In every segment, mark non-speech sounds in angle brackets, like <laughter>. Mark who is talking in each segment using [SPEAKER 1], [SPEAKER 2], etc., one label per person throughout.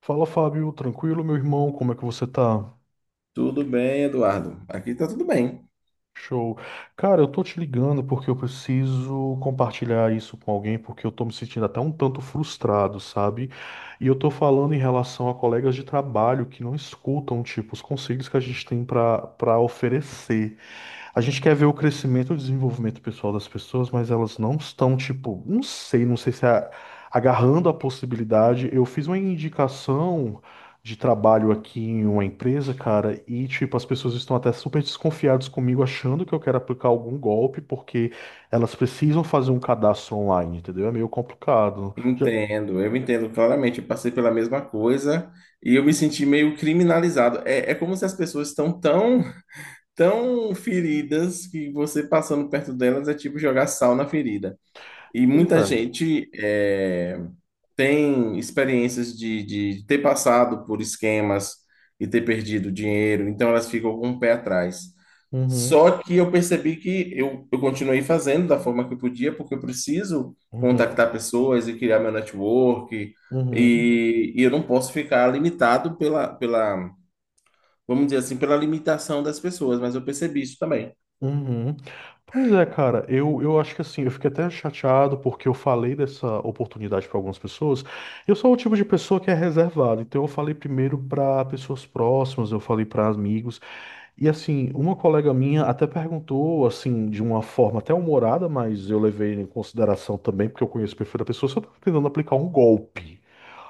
[SPEAKER 1] Fala, Fábio, tranquilo, meu irmão? Como é que você tá?
[SPEAKER 2] Tudo bem, Eduardo? Aqui tá tudo bem.
[SPEAKER 1] Show. Cara, eu tô te ligando porque eu preciso compartilhar isso com alguém, porque eu tô me sentindo até um tanto frustrado, sabe? E eu tô falando em relação a colegas de trabalho que não escutam, tipo, os conselhos que a gente tem pra para oferecer. A gente quer ver o crescimento e o desenvolvimento pessoal das pessoas, mas elas não estão, tipo, não sei se é agarrando a possibilidade. Eu fiz uma indicação de trabalho aqui em uma empresa, cara, e tipo, as pessoas estão até super desconfiadas comigo, achando que eu quero aplicar algum golpe, porque elas precisam fazer um cadastro online, entendeu? É meio complicado.
[SPEAKER 2] Entendo, eu entendo claramente. Eu passei pela mesma coisa e eu me senti meio criminalizado. É como se as pessoas estão tão feridas que você passando perto delas é tipo jogar sal na ferida. E
[SPEAKER 1] Pois
[SPEAKER 2] muita
[SPEAKER 1] é.
[SPEAKER 2] gente é, tem experiências de ter passado por esquemas e ter perdido dinheiro, então elas ficam com o pé atrás.
[SPEAKER 1] Uhum,
[SPEAKER 2] Só que eu percebi que eu continuei fazendo da forma que eu podia, porque eu preciso
[SPEAKER 1] uhum,
[SPEAKER 2] contactar pessoas e criar meu network,
[SPEAKER 1] uhum,
[SPEAKER 2] e eu não posso ficar limitado vamos dizer assim, pela limitação das pessoas, mas eu percebi isso também.
[SPEAKER 1] uhum. Pois é, cara, eu acho que assim, eu fiquei até chateado porque eu falei dessa oportunidade para algumas pessoas. Eu sou o tipo de pessoa que é reservado, então eu falei primeiro para pessoas próximas, eu falei para amigos. E assim, uma colega minha até perguntou, assim, de uma forma até humorada, mas eu levei em consideração também, porque eu conheço o perfil da pessoa, se eu tava tentando aplicar um golpe.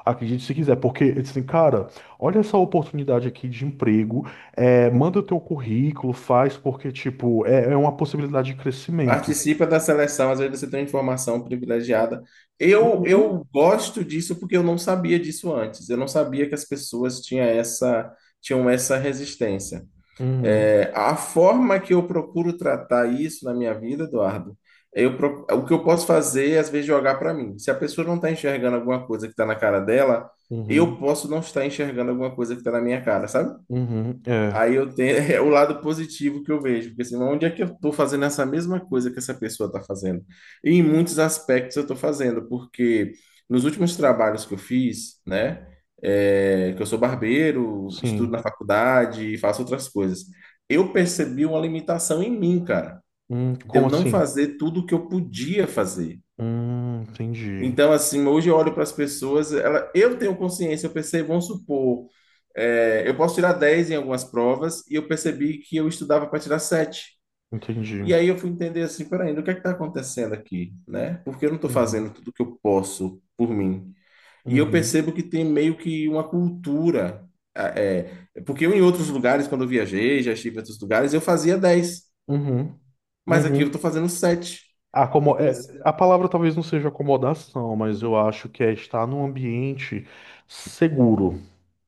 [SPEAKER 1] Acredite se quiser, porque eu disse assim, cara, olha essa oportunidade aqui de emprego, é, manda o teu currículo, faz, porque, tipo, é uma possibilidade de crescimento.
[SPEAKER 2] Participa da seleção, às vezes você tem uma informação privilegiada. Eu,
[SPEAKER 1] Uhum.
[SPEAKER 2] eu gosto disso porque eu não sabia disso antes. Eu não sabia que as pessoas tinham essa resistência.
[SPEAKER 1] Uhum.
[SPEAKER 2] É, a forma que eu procuro tratar isso na minha vida, Eduardo, eu, o que eu posso fazer é, às vezes, jogar para mim. Se a pessoa não está enxergando alguma coisa que está na cara dela, eu
[SPEAKER 1] Uhum.
[SPEAKER 2] posso não estar enxergando alguma coisa que está na minha cara, sabe?
[SPEAKER 1] Uhum. É,
[SPEAKER 2] Aí eu tenho <laughs> é o lado positivo que eu vejo, porque assim, onde é que eu estou fazendo essa mesma coisa que essa pessoa está fazendo? E em muitos aspectos eu estou fazendo, porque nos últimos trabalhos que eu fiz, né, é, que eu sou barbeiro, estudo na
[SPEAKER 1] sim.
[SPEAKER 2] faculdade e faço outras coisas, eu percebi uma limitação em mim, cara, de eu
[SPEAKER 1] Como
[SPEAKER 2] não
[SPEAKER 1] assim?
[SPEAKER 2] fazer tudo o que eu podia fazer.
[SPEAKER 1] Entendi.
[SPEAKER 2] Então, assim, hoje eu olho para as pessoas, ela, eu tenho consciência, eu percebo, vamos supor, é, eu posso tirar 10 em algumas provas e eu percebi que eu estudava para tirar sete.
[SPEAKER 1] Entendi.
[SPEAKER 2] E aí eu fui entender assim, peraí, o que é que está acontecendo aqui, né? Porque eu não estou
[SPEAKER 1] Uhum.
[SPEAKER 2] fazendo tudo que eu posso por mim. E eu
[SPEAKER 1] Uhum.
[SPEAKER 2] percebo que tem meio que uma cultura, porque eu em outros lugares, quando eu viajei, já estive em outros lugares, eu fazia 10,
[SPEAKER 1] Uhum.
[SPEAKER 2] mas aqui eu
[SPEAKER 1] Uhum.
[SPEAKER 2] estou fazendo sete.
[SPEAKER 1] Ah,
[SPEAKER 2] Então,
[SPEAKER 1] é,
[SPEAKER 2] assim,
[SPEAKER 1] a palavra talvez não seja acomodação, mas eu acho que é estar num ambiente seguro.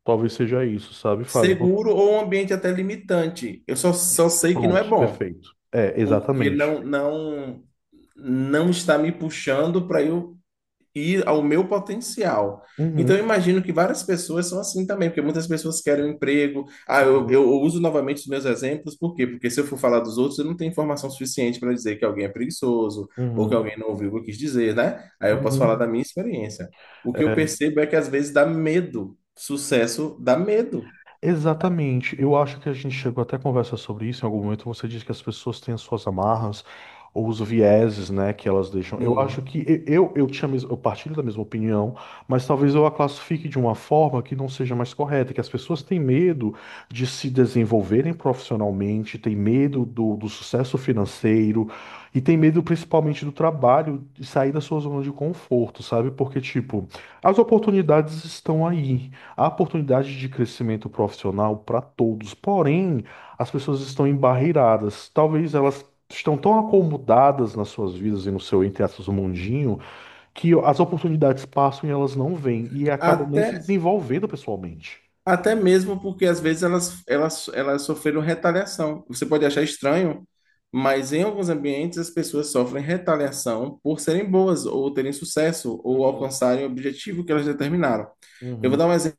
[SPEAKER 1] Talvez seja isso, sabe, Fábio?
[SPEAKER 2] seguro ou um ambiente até limitante. Eu só,
[SPEAKER 1] Isso.
[SPEAKER 2] só sei que não é
[SPEAKER 1] Pronto,
[SPEAKER 2] bom,
[SPEAKER 1] perfeito. É,
[SPEAKER 2] porque
[SPEAKER 1] exatamente.
[SPEAKER 2] não não está me puxando para eu ir ao meu potencial. Então, eu
[SPEAKER 1] Uhum.
[SPEAKER 2] imagino que várias pessoas são assim também, porque muitas pessoas querem um emprego. Ah, eu,
[SPEAKER 1] Uhum.
[SPEAKER 2] eu uso novamente os meus exemplos, por quê? Porque se eu for falar dos outros, eu não tenho informação suficiente para dizer que alguém é preguiçoso ou que alguém
[SPEAKER 1] Uhum.
[SPEAKER 2] não ouviu o que eu quis dizer, né? Aí eu posso falar da
[SPEAKER 1] Uhum.
[SPEAKER 2] minha experiência. O que eu percebo é que às vezes dá medo. Sucesso dá medo.
[SPEAKER 1] Exatamente. Eu acho que a gente chegou até a conversar sobre isso em algum momento. Você disse que as pessoas têm as suas amarras ou os vieses, né, que elas deixam. Eu acho
[SPEAKER 2] Sim.
[SPEAKER 1] que eu partilho da mesma opinião, mas talvez eu a classifique de uma forma que não seja mais correta, que as pessoas têm medo de se desenvolverem profissionalmente, têm medo do sucesso financeiro e têm medo principalmente do trabalho, de sair da sua zona de conforto, sabe? Porque, tipo, as oportunidades estão aí. Há oportunidade de crescimento profissional para todos, porém, as pessoas estão embarreiradas. Talvez elas estão tão acomodadas nas suas vidas e no seu, entre aspas, mundinho, que as oportunidades passam e elas não vêm e acabam nem se
[SPEAKER 2] Até,
[SPEAKER 1] desenvolvendo pessoalmente.
[SPEAKER 2] até mesmo porque às vezes elas sofreram retaliação. Você pode achar estranho, mas em alguns ambientes as pessoas sofrem retaliação por serem boas, ou terem sucesso, ou
[SPEAKER 1] Uhum,
[SPEAKER 2] alcançarem o objetivo que elas determinaram. Eu vou
[SPEAKER 1] uhum,
[SPEAKER 2] dar um exemplo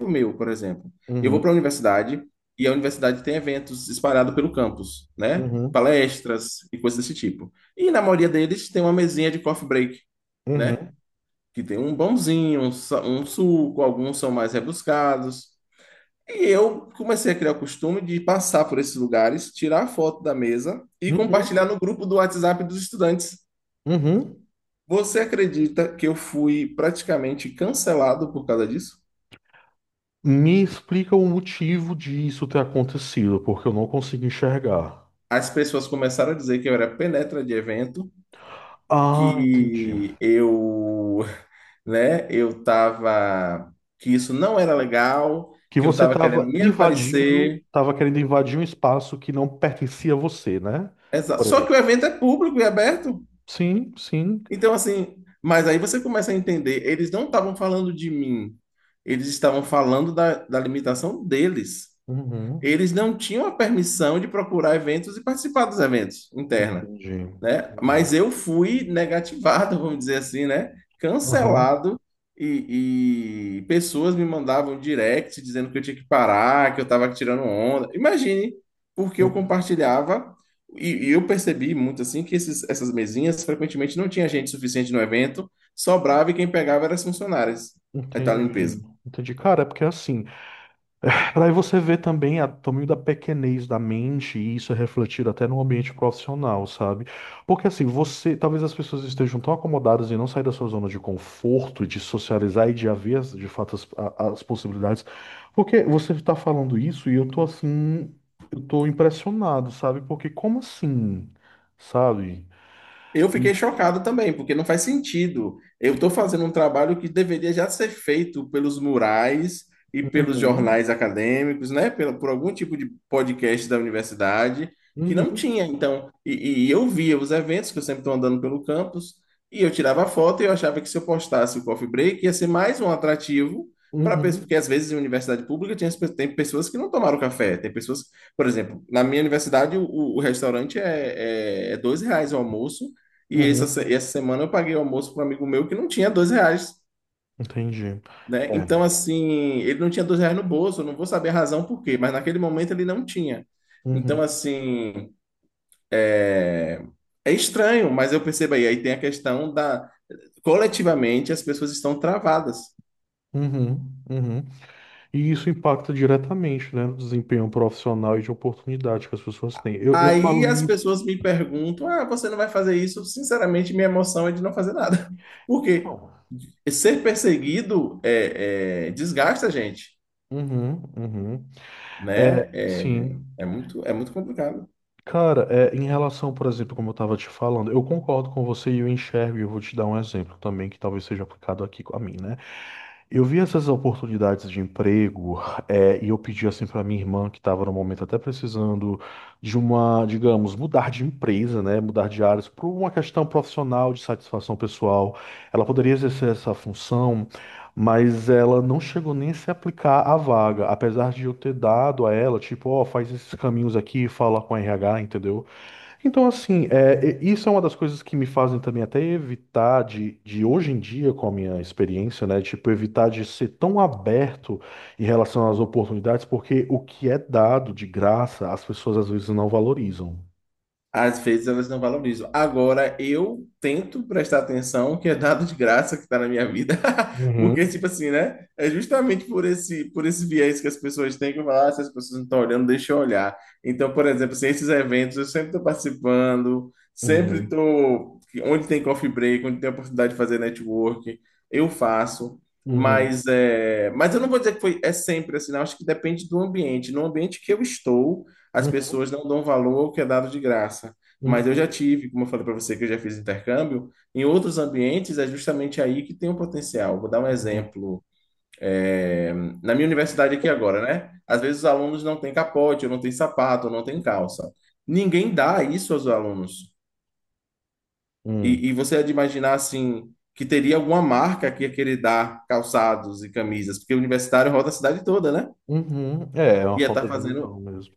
[SPEAKER 2] meu, por exemplo. Eu vou
[SPEAKER 1] uhum,
[SPEAKER 2] para a universidade e a universidade tem eventos espalhados pelo campus, né?
[SPEAKER 1] uhum,
[SPEAKER 2] Palestras e coisas desse tipo. E na maioria deles tem uma mesinha de coffee break, né?
[SPEAKER 1] uhum,
[SPEAKER 2] Que tem um pãozinho, um, um suco, alguns são mais rebuscados. E eu comecei a criar o costume de passar por esses lugares, tirar a foto da mesa e compartilhar
[SPEAKER 1] uhum,
[SPEAKER 2] no grupo do WhatsApp dos estudantes.
[SPEAKER 1] uhum.
[SPEAKER 2] Você acredita que eu fui praticamente cancelado por causa disso?
[SPEAKER 1] Me explica o motivo disso ter acontecido, porque eu não consigo enxergar.
[SPEAKER 2] As pessoas começaram a dizer que eu era penetra de evento,
[SPEAKER 1] Ah, entendi.
[SPEAKER 2] que eu, <laughs> né, eu tava, que isso não era legal,
[SPEAKER 1] Que
[SPEAKER 2] que eu
[SPEAKER 1] você
[SPEAKER 2] tava querendo
[SPEAKER 1] estava
[SPEAKER 2] me
[SPEAKER 1] invadindo,
[SPEAKER 2] aparecer.
[SPEAKER 1] estava querendo invadir um espaço que não pertencia a você, né?
[SPEAKER 2] Exato.
[SPEAKER 1] Por
[SPEAKER 2] Só que o
[SPEAKER 1] exemplo.
[SPEAKER 2] evento é público e aberto.
[SPEAKER 1] Sim, sim.
[SPEAKER 2] Então, assim, mas aí você começa a entender, eles não estavam falando de mim, eles estavam falando da limitação deles.
[SPEAKER 1] Uhum.
[SPEAKER 2] Eles não tinham a permissão de procurar eventos e participar dos eventos interna,
[SPEAKER 1] Entendi.
[SPEAKER 2] né?
[SPEAKER 1] Entendi.
[SPEAKER 2] Mas eu fui negativado, <laughs> vamos dizer assim, né?
[SPEAKER 1] Aham.
[SPEAKER 2] Cancelado, e pessoas me mandavam um direct dizendo que eu tinha que parar, que eu estava tirando onda. Imagine, porque eu
[SPEAKER 1] Hum,
[SPEAKER 2] compartilhava, e eu percebi muito assim que essas mesinhas frequentemente não tinha gente suficiente no evento, sobrava e quem pegava eram as funcionárias da
[SPEAKER 1] entendi.
[SPEAKER 2] limpeza.
[SPEAKER 1] Entendi. Cara, é porque é assim. Para aí você ver também tamanho da pequenez da mente, e isso é refletido até no ambiente profissional, sabe? Porque assim, você, talvez as pessoas estejam tão acomodadas em não sair da sua zona de conforto, de socializar e de haver de fato as possibilidades. Porque você está falando isso e eu tô assim, eu tô impressionado, sabe? Porque como assim? Sabe?
[SPEAKER 2] Eu fiquei
[SPEAKER 1] E-
[SPEAKER 2] chocado também, porque não faz sentido. Eu estou fazendo um trabalho que deveria já ser feito pelos murais e pelos
[SPEAKER 1] Uhum,
[SPEAKER 2] jornais acadêmicos, né? Por algum tipo de podcast da universidade, que não
[SPEAKER 1] uhum,
[SPEAKER 2] tinha. Então, e eu via os eventos, que eu sempre estou andando pelo campus, e eu tirava foto e eu achava que se eu postasse o coffee break ia ser mais um atrativo para pessoas, porque
[SPEAKER 1] uhum,
[SPEAKER 2] às vezes em universidade pública tinha, tem pessoas que não tomaram café, tem pessoas, por exemplo, na minha universidade o restaurante é R$ 2 o almoço e essa,
[SPEAKER 1] uhum.
[SPEAKER 2] essa semana eu paguei o almoço para um amigo meu que não tinha R$ 2,
[SPEAKER 1] Entendi.
[SPEAKER 2] né?
[SPEAKER 1] É.
[SPEAKER 2] Então, assim, ele não tinha R$ 2 no bolso, eu não vou saber a razão por quê, mas naquele momento ele não tinha. Então,
[SPEAKER 1] Uhum,
[SPEAKER 2] assim, é é estranho, mas eu percebo aí, aí tem a questão da, coletivamente as pessoas estão travadas.
[SPEAKER 1] uhum, uhum. E isso impacta diretamente, né, no desempenho profissional e de oportunidade que as pessoas têm. Eu
[SPEAKER 2] Aí
[SPEAKER 1] falo
[SPEAKER 2] as
[SPEAKER 1] isso.
[SPEAKER 2] pessoas me perguntam, ah, você não vai fazer isso? Sinceramente, minha emoção é de não fazer nada. <laughs> Porque
[SPEAKER 1] Então.
[SPEAKER 2] ser perseguido desgasta a gente.
[SPEAKER 1] Uhum, uhum. É,
[SPEAKER 2] Né? É,
[SPEAKER 1] sim.
[SPEAKER 2] é muito, é muito complicado.
[SPEAKER 1] Cara, é, em relação, por exemplo, como eu estava te falando, eu concordo com você e eu enxergo, e eu vou te dar um exemplo também que talvez seja aplicado aqui com a mim, né? Eu vi essas oportunidades de emprego, e eu pedi assim para minha irmã, que estava no momento até precisando de uma, digamos, mudar de empresa, né, mudar de áreas, por uma questão profissional, de satisfação pessoal. Ela poderia exercer essa função, mas ela não chegou nem a se aplicar à vaga, apesar de eu ter dado a ela, tipo, ó, faz esses caminhos aqui, fala com a RH, entendeu? Então, assim, isso é uma das coisas que me fazem também até evitar de hoje em dia, com a minha experiência, né? Tipo, evitar de ser tão aberto em relação às oportunidades, porque o que é dado de graça, as pessoas às vezes não valorizam.
[SPEAKER 2] Às vezes elas não valorizam. Agora, eu tento prestar atenção que é dado de graça que está na minha vida. <laughs> Porque,
[SPEAKER 1] Uhum,
[SPEAKER 2] tipo assim, né? É justamente por esse viés que as pessoas têm que eu falo, ah, se as pessoas não estão olhando, deixa eu olhar. Então, por exemplo, assim, esses eventos eu sempre estou participando, sempre
[SPEAKER 1] uhum,
[SPEAKER 2] estou. Onde tem coffee break, onde tem oportunidade de fazer network, eu faço.
[SPEAKER 1] uhum,
[SPEAKER 2] Mas, é, mas eu não vou dizer que foi, é sempre assim, não. Acho que depende do ambiente. No ambiente que eu estou, as
[SPEAKER 1] uhum,
[SPEAKER 2] pessoas não dão valor ao que é dado de graça. Mas eu já
[SPEAKER 1] uhum,
[SPEAKER 2] tive, como eu falei para você, que eu já fiz intercâmbio, em outros ambientes é justamente aí que tem um potencial. Vou dar um
[SPEAKER 1] uhum,
[SPEAKER 2] exemplo. É, na minha universidade aqui agora, né? Às vezes os alunos não têm capote, ou não têm sapato, ou não têm calça. Ninguém dá isso aos alunos.
[SPEAKER 1] uhum,
[SPEAKER 2] E você é de imaginar assim que teria alguma marca que ia querer dar calçados e camisas, porque o universitário roda a cidade toda, né?
[SPEAKER 1] uhum. É uma
[SPEAKER 2] Ia estar
[SPEAKER 1] falta de visão
[SPEAKER 2] fazendo,
[SPEAKER 1] mesmo.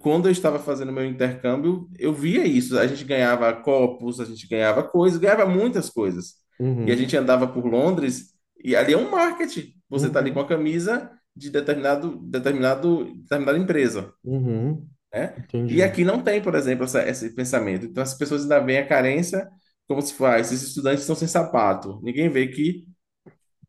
[SPEAKER 2] quando eu estava fazendo meu intercâmbio, eu via isso. A gente ganhava copos, a gente ganhava coisas, ganhava muitas coisas. E a gente
[SPEAKER 1] Uhum,
[SPEAKER 2] andava por Londres e ali é um marketing. Você está ali com a
[SPEAKER 1] uhum,
[SPEAKER 2] camisa de determinada empresa,
[SPEAKER 1] uhum.
[SPEAKER 2] né? E
[SPEAKER 1] Entendi,
[SPEAKER 2] aqui não tem, por exemplo, esse pensamento. Então as pessoas ainda veem a carência como se fosse, ah, esses estudantes estão sem sapato. Ninguém vê que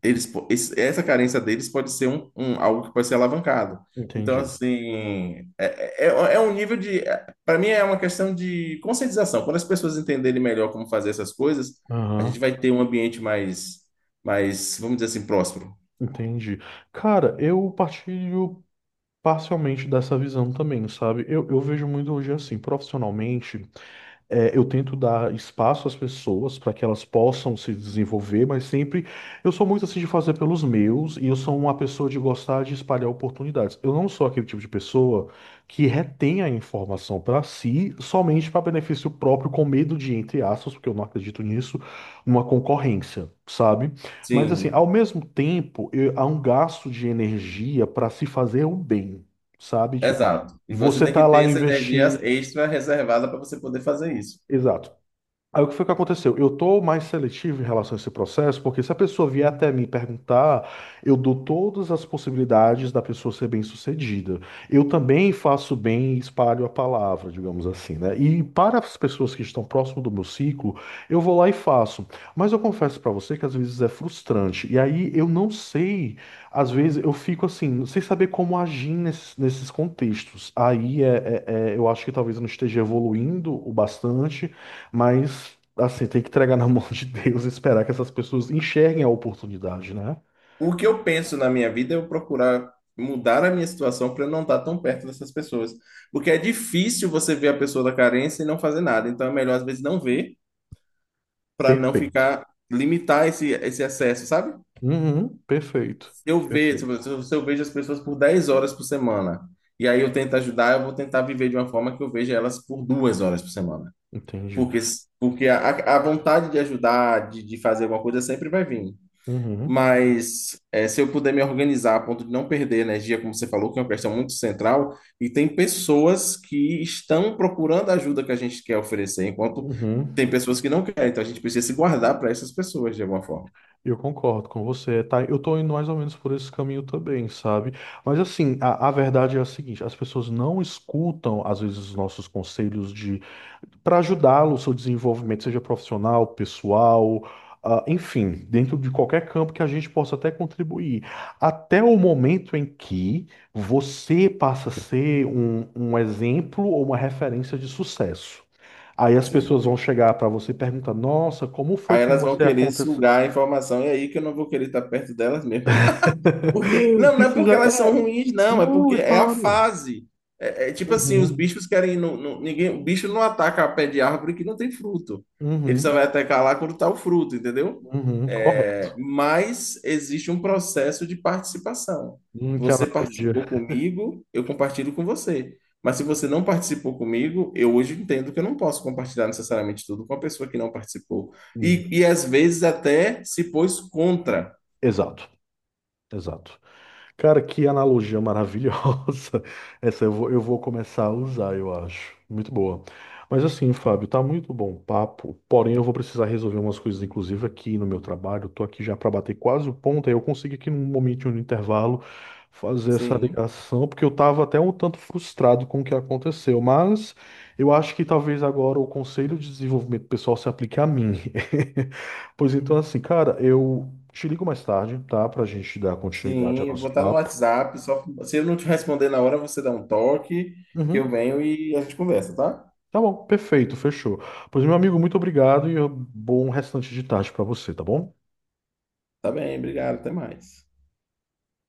[SPEAKER 2] eles, essa carência deles pode ser um, algo que pode ser alavancado. Então,
[SPEAKER 1] entendi.
[SPEAKER 2] assim, é um nível de. Para mim, é uma questão de conscientização. Quando as pessoas entenderem melhor como fazer essas coisas, a gente
[SPEAKER 1] Aham,
[SPEAKER 2] vai ter um ambiente mais, vamos dizer assim, próspero.
[SPEAKER 1] entendi. Cara, eu partilho parcialmente dessa visão também, sabe? Eu vejo muito hoje assim, profissionalmente. É, eu tento dar espaço às pessoas para que elas possam se desenvolver, mas sempre eu sou muito assim de fazer pelos meus e eu sou uma pessoa de gostar de espalhar oportunidades. Eu não sou aquele tipo de pessoa que retém a informação para si somente para benefício próprio, com medo de, entre aspas, porque eu não acredito nisso, uma concorrência, sabe? Mas assim, ao
[SPEAKER 2] Sim,
[SPEAKER 1] mesmo tempo, há um gasto de energia para se fazer o bem, sabe? Tipo,
[SPEAKER 2] exato. E você
[SPEAKER 1] você
[SPEAKER 2] tem que
[SPEAKER 1] tá lá
[SPEAKER 2] ter essa energia
[SPEAKER 1] investindo.
[SPEAKER 2] extra reservada para você poder fazer isso.
[SPEAKER 1] Exato. Aí o que foi que aconteceu? Eu tô mais seletivo em relação a esse processo, porque se a pessoa vier até mim perguntar, eu dou todas as possibilidades da pessoa ser bem-sucedida. Eu também faço bem e espalho a palavra, digamos assim, né? E para as pessoas que estão próximo do meu ciclo, eu vou lá e faço. Mas eu confesso para você que às vezes é frustrante. E aí eu não sei, às vezes eu fico assim, sem saber como agir nesses contextos. Aí é, é- é- Eu acho que talvez eu não esteja evoluindo o bastante, mas, assim, tem que entregar na mão de Deus e esperar que essas pessoas enxerguem a oportunidade, né?
[SPEAKER 2] O que eu penso na minha vida é eu procurar mudar a minha situação para eu não estar tão perto dessas pessoas. Porque é difícil você ver a pessoa da carência e não fazer nada. Então é melhor, às vezes, não ver para não
[SPEAKER 1] Perfeito.
[SPEAKER 2] ficar, limitar esse acesso, sabe?
[SPEAKER 1] Uhum, perfeito.
[SPEAKER 2] Se eu vejo,
[SPEAKER 1] Perfeito.
[SPEAKER 2] se eu vejo as pessoas por 10 horas por semana e aí eu tento ajudar, eu vou tentar viver de uma forma que eu veja elas por 2 horas por semana.
[SPEAKER 1] Entendi.
[SPEAKER 2] Porque, porque a vontade de ajudar, de fazer alguma coisa sempre vai vir.
[SPEAKER 1] Uhum,
[SPEAKER 2] Mas é, se eu puder me organizar a ponto de não perder energia, como você falou, que é uma questão muito central, e tem pessoas que estão procurando a ajuda que a gente quer oferecer, enquanto tem
[SPEAKER 1] uhum.
[SPEAKER 2] pessoas que não querem, então a gente precisa se guardar para essas pessoas de alguma forma.
[SPEAKER 1] Eu concordo com você, tá? Eu tô indo mais ou menos por esse caminho também, sabe? Mas assim, a verdade é a seguinte, as pessoas não escutam, às vezes, os nossos conselhos de para ajudá-lo no seu desenvolvimento, seja profissional, pessoal, ah, enfim, dentro de qualquer campo que a gente possa até contribuir. Até o momento em que você passa a ser um exemplo ou uma referência de sucesso. Aí as
[SPEAKER 2] Sim.
[SPEAKER 1] pessoas vão chegar para você e perguntar: Nossa, como foi
[SPEAKER 2] Aí
[SPEAKER 1] que
[SPEAKER 2] elas vão
[SPEAKER 1] você
[SPEAKER 2] querer
[SPEAKER 1] aconteceu?
[SPEAKER 2] sugar a informação, e é aí que eu não vou querer estar perto delas mesmo. Porque, não,
[SPEAKER 1] <laughs>
[SPEAKER 2] não é
[SPEAKER 1] Isso
[SPEAKER 2] porque
[SPEAKER 1] já
[SPEAKER 2] elas
[SPEAKER 1] é.
[SPEAKER 2] são ruins, não, é
[SPEAKER 1] Não,
[SPEAKER 2] porque
[SPEAKER 1] é
[SPEAKER 2] é a
[SPEAKER 1] claro.
[SPEAKER 2] fase. É, é tipo assim, os
[SPEAKER 1] Uhum,
[SPEAKER 2] bichos querem. Não, ninguém, o bicho não ataca a pé de árvore que não tem fruto. Ele só vai
[SPEAKER 1] uhum,
[SPEAKER 2] atacar lá quando tá o fruto, entendeu?
[SPEAKER 1] uhum,
[SPEAKER 2] É,
[SPEAKER 1] correto.
[SPEAKER 2] mas existe um processo de participação.
[SPEAKER 1] Que
[SPEAKER 2] Você
[SPEAKER 1] analogia.
[SPEAKER 2] participou comigo, eu compartilho com você. Mas se você não participou comigo, eu hoje entendo que eu não posso compartilhar necessariamente tudo com a pessoa que não participou.
[SPEAKER 1] Uhum.
[SPEAKER 2] E às vezes até se pôs contra.
[SPEAKER 1] Exato, exato. Cara, que analogia maravilhosa. <laughs> Essa eu vou começar a usar, eu acho. Muito boa. Mas assim, Fábio, tá muito bom o papo. Porém, eu vou precisar resolver umas coisas, inclusive aqui no meu trabalho. Eu tô aqui já para bater quase o ponto. Aí eu consigo aqui num momento, no intervalo, fazer essa
[SPEAKER 2] Sim.
[SPEAKER 1] ligação, porque eu tava até um tanto frustrado com o que aconteceu. Mas eu acho que talvez agora o Conselho de Desenvolvimento Pessoal se aplique a mim. <laughs> Pois então, assim, cara, eu te ligo mais tarde, tá? Pra gente dar continuidade ao
[SPEAKER 2] Sim,
[SPEAKER 1] nosso
[SPEAKER 2] botar no
[SPEAKER 1] papo.
[SPEAKER 2] WhatsApp. Só, se eu não te responder na hora, você dá um toque, que eu
[SPEAKER 1] Uhum.
[SPEAKER 2] venho e a gente conversa, tá?
[SPEAKER 1] Tá bom, perfeito, fechou. Pois, meu amigo, muito obrigado e bom restante de tarde pra você, tá bom?
[SPEAKER 2] Tá bem, obrigado, até mais.